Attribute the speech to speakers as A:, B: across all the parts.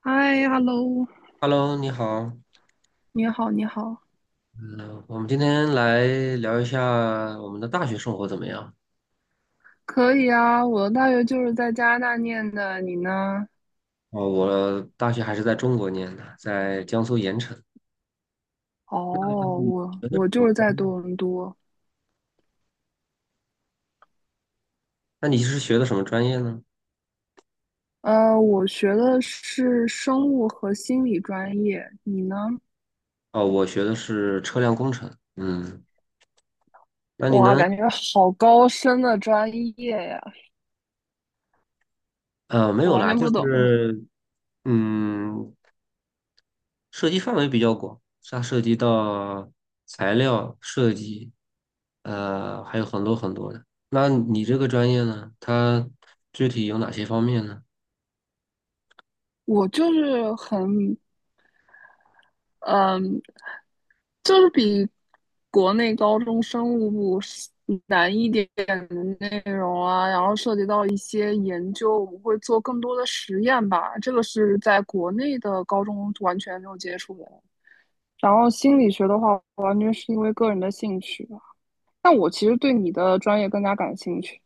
A: 嗨，hello，
B: Hello，你好，
A: 你好，你好，
B: 嗯、我们今天来聊一下我们的大学生活怎么样？
A: 可以啊。我的大学就是在加拿大念的，你呢？
B: 哦，我大学还是在中国念的，在江苏盐城。
A: 哦，
B: 嗯
A: 我
B: 学的是
A: 我
B: 什
A: 就是在
B: 么
A: 多伦多。
B: 那你是学的什么专业呢？
A: 我学的是生物和心理专业，你呢？
B: 哦，我学的是车辆工程。嗯，那你
A: 哇，
B: 呢？
A: 感觉好高深的专业呀，
B: 没
A: 我
B: 有
A: 完
B: 啦，
A: 全
B: 就
A: 不懂。
B: 是嗯，涉及范围比较广，它涉及到材料设计，还有很多很多的。那你这个专业呢？它具体有哪些方面呢？
A: 我就是很嗯，就是比国内高中生物部是难一点点的内容啊，然后涉及到一些研究，我们会做更多的实验吧。这个是在国内的高中完全没有接触的。然后心理学的话，完全是因为个人的兴趣吧。但我其实对你的专业更加感兴趣。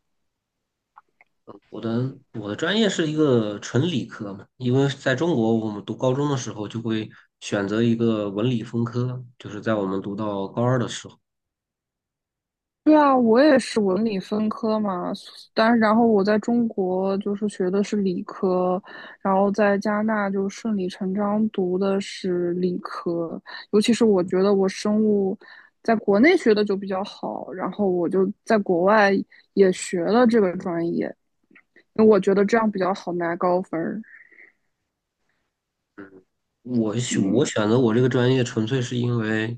B: 我的专业是一个纯理科嘛，因为在中国，我们读高中的时候就会选择一个文理分科，就是在我们读到高二的时候，
A: 对啊，我也是文理分科嘛，然后我在中国就是学的是理科，然后在加拿大就顺理成章读的是理科，尤其是我觉得我生物在国内学的就比较好，然后我就在国外也学了这个专业，因为我觉得这样比较好拿高分儿，
B: 我选我
A: 嗯，
B: 选择我这个专业，纯粹是因为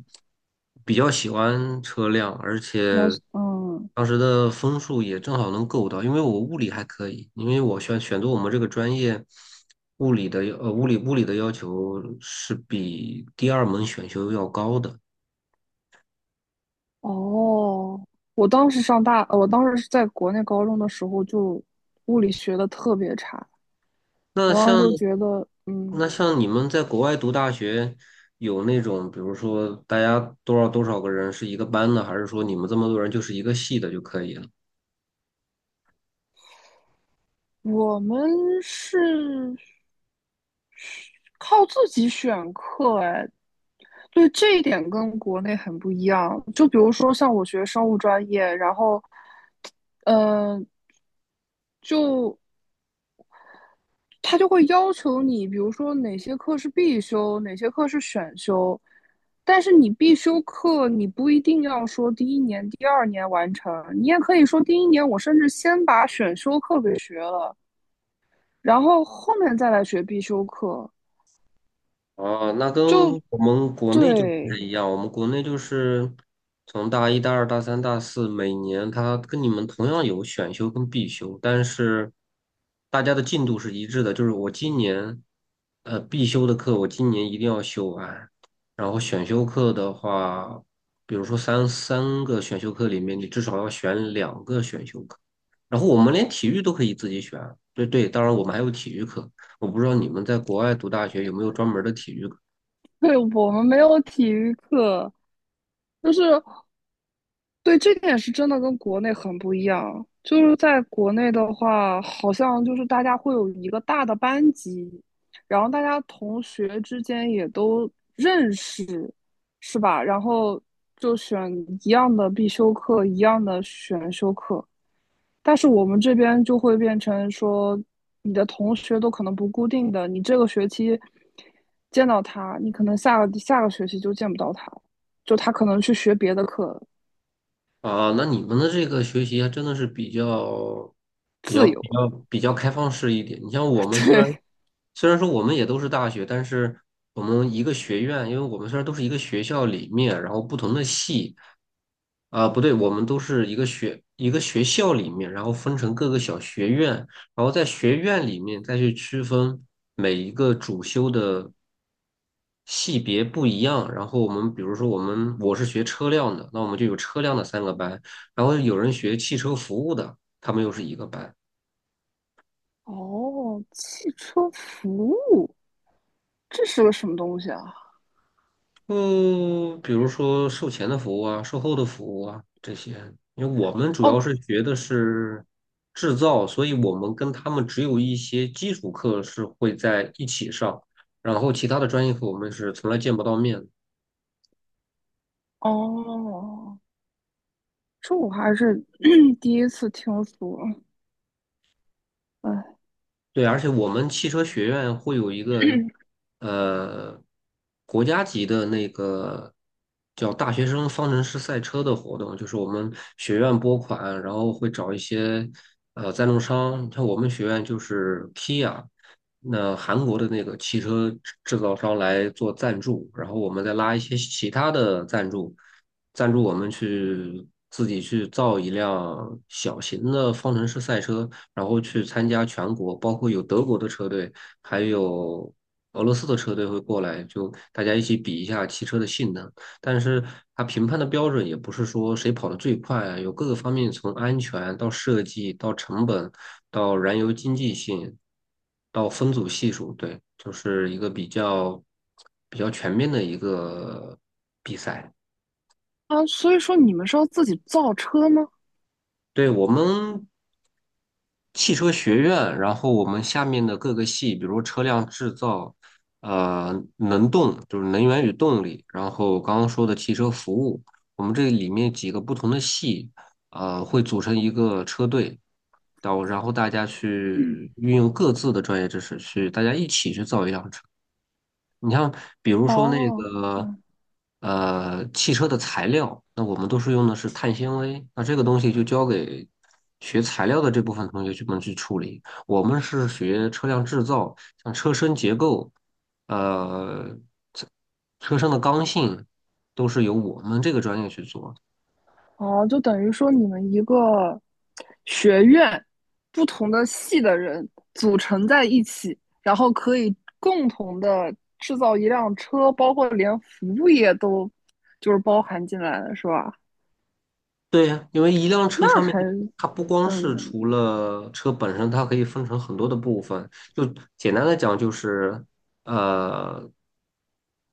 B: 比较喜欢车辆，而
A: 比较
B: 且当时的分数也正好能够到，因为我物理还可以，因为我选择我们这个专业，物理的要求是比第二门选修要高的。
A: 哦。我当时我当时是在国内高中的时候就物理学的特别差，
B: 那
A: 我当时
B: 像
A: 就觉得，嗯，
B: 那像你们在国外读大学，有那种比如说大家多少多少个人是一个班的，还是说你们这么多人就是一个系的就可以了？
A: 我们是靠自己选课，哎，对这一点跟国内很不一样。就比如说像我学生物专业，然后，呃，就他就会要求你，比如说哪些课是必修，哪些课是选修。但是你必修课，你不一定要说第一年、第二年完成，你也可以说第一年我甚至先把选修课给学了。然后后面再来学必修课，
B: 哦，那跟
A: 就
B: 我们国内就不太
A: 对
B: 一样。我们国内就是从大一、大二、大三、大四，每年它跟你们同样有选修跟必修，但是大家的进度是一致的。就是我今年，必修的课我今年一定要修完，然后选修课的话，比如说三个选修课里面，你至少要选两个选修课。然后我们连体育都可以自己选，对对，当然我们还有体育课。我不知道你们在国外读大学有没有专门儿的体育课
A: 对，我们没有体育课，就是对这点是真的跟国内很不一样。就是在国内的话，好像就是大家会有一个大的班级，然后大家同学之间也都认识，是吧？然后就选一样的必修课，一样的选修课。但是我们这边就会变成说，你的同学都可能不固定的，你这个学期见到他，你可能下个学期就见不到他，就他可能去学别的课
B: 啊？那你们的这个学习还真的是比较、比
A: 自
B: 较、比
A: 由。
B: 较、比较开放式一点。你像我 们虽然
A: 对，
B: 虽然说我们也都是大学，但是我们一个学院，因为我们虽然都是一个学校里面，然后不同的系啊，不对，我们都是一个学校里面，然后分成各个小学院，然后在学院里面再去区分每一个主修的系别不一样。然后我们比如说我是学车辆的，那我们就有车辆的三个班，然后有人学汽车服务的，他们又是一个班。
A: 哦，汽车服务，这是个什么东西啊？
B: 嗯，比如说售前的服务啊，售后的服务啊这些，因为我们主
A: 哦
B: 要是学的是制造，所以我们跟他们只有一些基础课是会在一起上，然后其他的专业课我们是从来见不到面的。
A: 哦，这我还是 第一次听说。哎
B: 对，而且我们汽车学院会有一个呃国家级的那个叫大学生方程式赛车的活动，就是我们学院拨款，然后会找一些赞助商，像我们学院就是 Kia，那韩国的那个汽车制造商来做赞助，然后我们再拉一些其他的赞助。赞助我们去自己去造一辆小型的方程式赛车，然后去参加全国，包括有德国的车队，还有俄罗斯的车队会过来，就大家一起比一下汽车的性能。但是它评判的标准也不是说谁跑得最快啊有各个方面，从安全到设计到成本到燃油经济性到分组系数，对，就是一个比较全面的一个比赛。
A: 啊，所以说你们是要自己造车吗？
B: 对，我们汽车学院，然后我们下面的各个系，比如车辆制造，能动就是能源与动力，然后刚刚说的汽车服务，我们这里面几个不同的系，会组成一个车队，然后大家去运用各自的专业知识去，大家一起去造一辆车。你像比如说那
A: 哦，
B: 个
A: 嗯，
B: 汽车的材料，那我们都是用的是碳纤维，那这个东西就交给学材料的这部分同学们去处理。我们是学车辆制造，像车身结构，呃，车车身的刚性，都是由我们这个专业去做。
A: 哦，就等于说你们一个学院不同的系的人组成在一起，然后可以共同的制造一辆车，包括连服务业都就是包含进来了，是吧？
B: 对呀，因为一辆车
A: 那
B: 上面
A: 还，
B: 它不光是除
A: 嗯，
B: 了车本身，它可以分成很多的部分。就简单的讲，就是呃，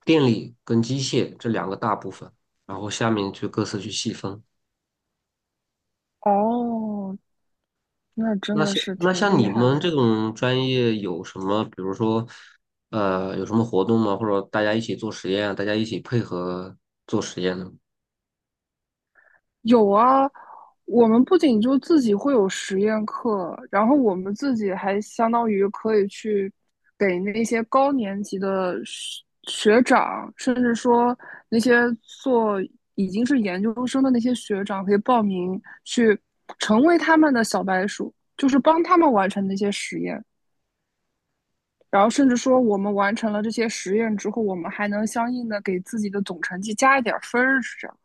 B: 电力跟机械这两个大部分，然后下面就各自去细分。
A: 哦，那真
B: 那
A: 的
B: 像
A: 是
B: 那
A: 挺
B: 像
A: 厉
B: 你
A: 害
B: 们这
A: 的。
B: 种专业有什么，比如说有什么活动吗？或者大家一起做实验啊，大家一起配合做实验呢？
A: 有啊，我们不仅就自己会有实验课，然后我们自己还相当于可以去给那些高年级的学长，甚至说那些做已经是研究生的那些学长，可以报名去成为他们的小白鼠，就是帮他们完成那些实验。然后甚至说，我们完成了这些实验之后，我们还能相应的给自己的总成绩加一点儿分儿，是这样。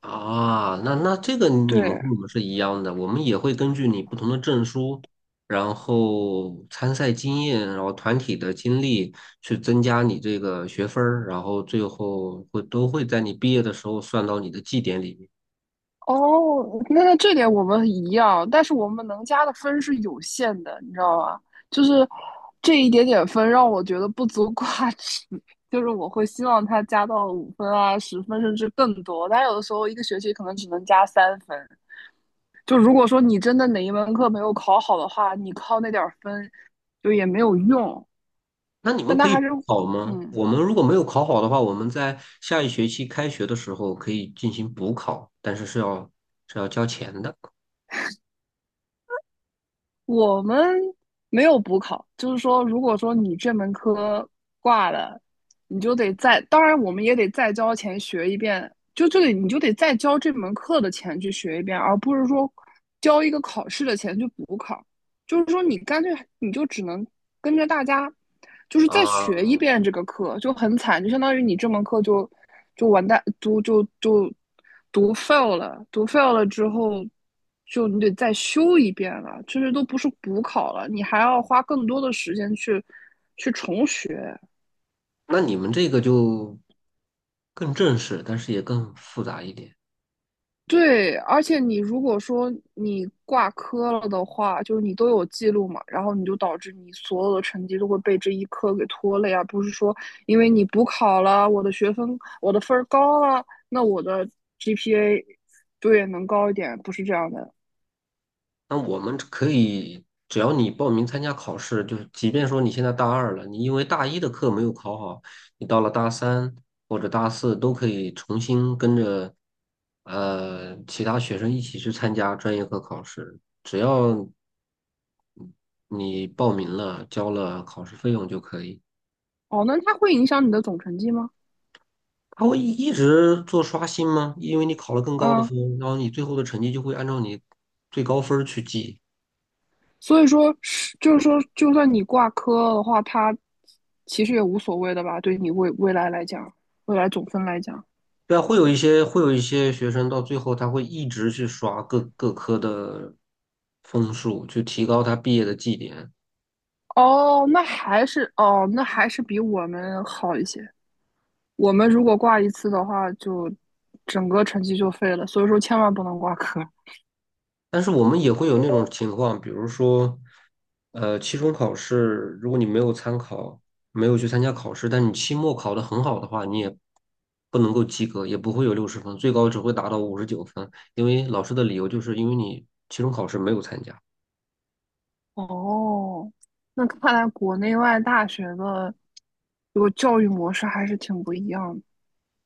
B: 啊，那这个你们
A: 对，
B: 跟我们是一样的，我们也会根据你不同的证书，然后参赛经验，然后团体的经历去增加你这个学分儿，然后最后都会在你毕业的时候算到你的绩点里面。
A: 哦，那那这点我们一样，但是我们能加的分是有限的，你知道吗？就是这一点点分让我觉得不足挂齿，就是我会希望他加到五分啊、十分甚至更多，但有的时候一个学期可能只能加三分。就如果说你真的哪一门课没有考好的话，你靠那点儿分就也没有用，
B: 那你们
A: 但
B: 可
A: 他还
B: 以
A: 是
B: 考吗？
A: 嗯。
B: 我们如果没有考好的话，我们在下一学期开学的时候可以进行补考，但是是要交钱的
A: 我们没有补考，就是说，如果说你这门科挂了，你就得再，当然我们也得再交钱学一遍，就这个你就得再交这门课的钱去学一遍，而不是说交一个考试的钱去补考。就是说你干脆你就只能跟着大家，就是再学一
B: 啊。
A: 遍这个课，就很惨，就相当于你这门课就完蛋，读读 fail 了，读 fail 了之后，就你得再修一遍了，甚至都不是补考了，你还要花更多的时间去重学，
B: 那你们这个就更正式，但是也更复杂一点。
A: 对，而且你如果说你挂科了的话，就是你都有记录嘛，然后你就导致你所有的成绩都会被这一科给拖累啊，而不是说因为你补考了，我的分儿高了，那我的 GPA 对，能高一点，不是这样的。
B: 那我们可以，只要你报名参加考试，就是即便说你现在大二了，你因为大一的课没有考好，你到了大三或者大四都可以重新跟着其他学生一起去参加专业课考试，只要你报名了，交了考试费用就可以。
A: 哦，那它会影响你的总成绩吗？
B: 他会一直做刷新吗？因为你考了更高的
A: 嗯，
B: 分，然后你最后的成绩就会按照你最高分儿去记。
A: 所以说就是说，就算你挂科的话，它其实也无所谓的吧，对你未来来讲，未来总分来讲。
B: 对啊，会有一些学生到最后他会一直去刷各科的分数，去提高他毕业的绩点。
A: 哦，那还是比我们好一些。我们如果挂一次的话，就整个成绩就废了，所以说千万不能挂科。
B: 但是我们也会有那种情况，比如说，期中考试，如果你没有参考，没有去参加考试，但你期末考得很好的话，你也不能够及格，也不会有60分，最高只会达到59分，因为老师的理由就是因为你期中考试没有参加。
A: 哦，那看来国内外大学的这个教育模式还是挺不一样的。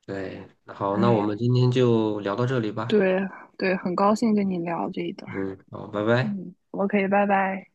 B: 对，好，那我
A: 哎，
B: 们今天就聊到这里吧。
A: 对对，很高兴跟你聊这一段儿。
B: 嗯，好，拜拜。
A: 嗯，OK，拜拜。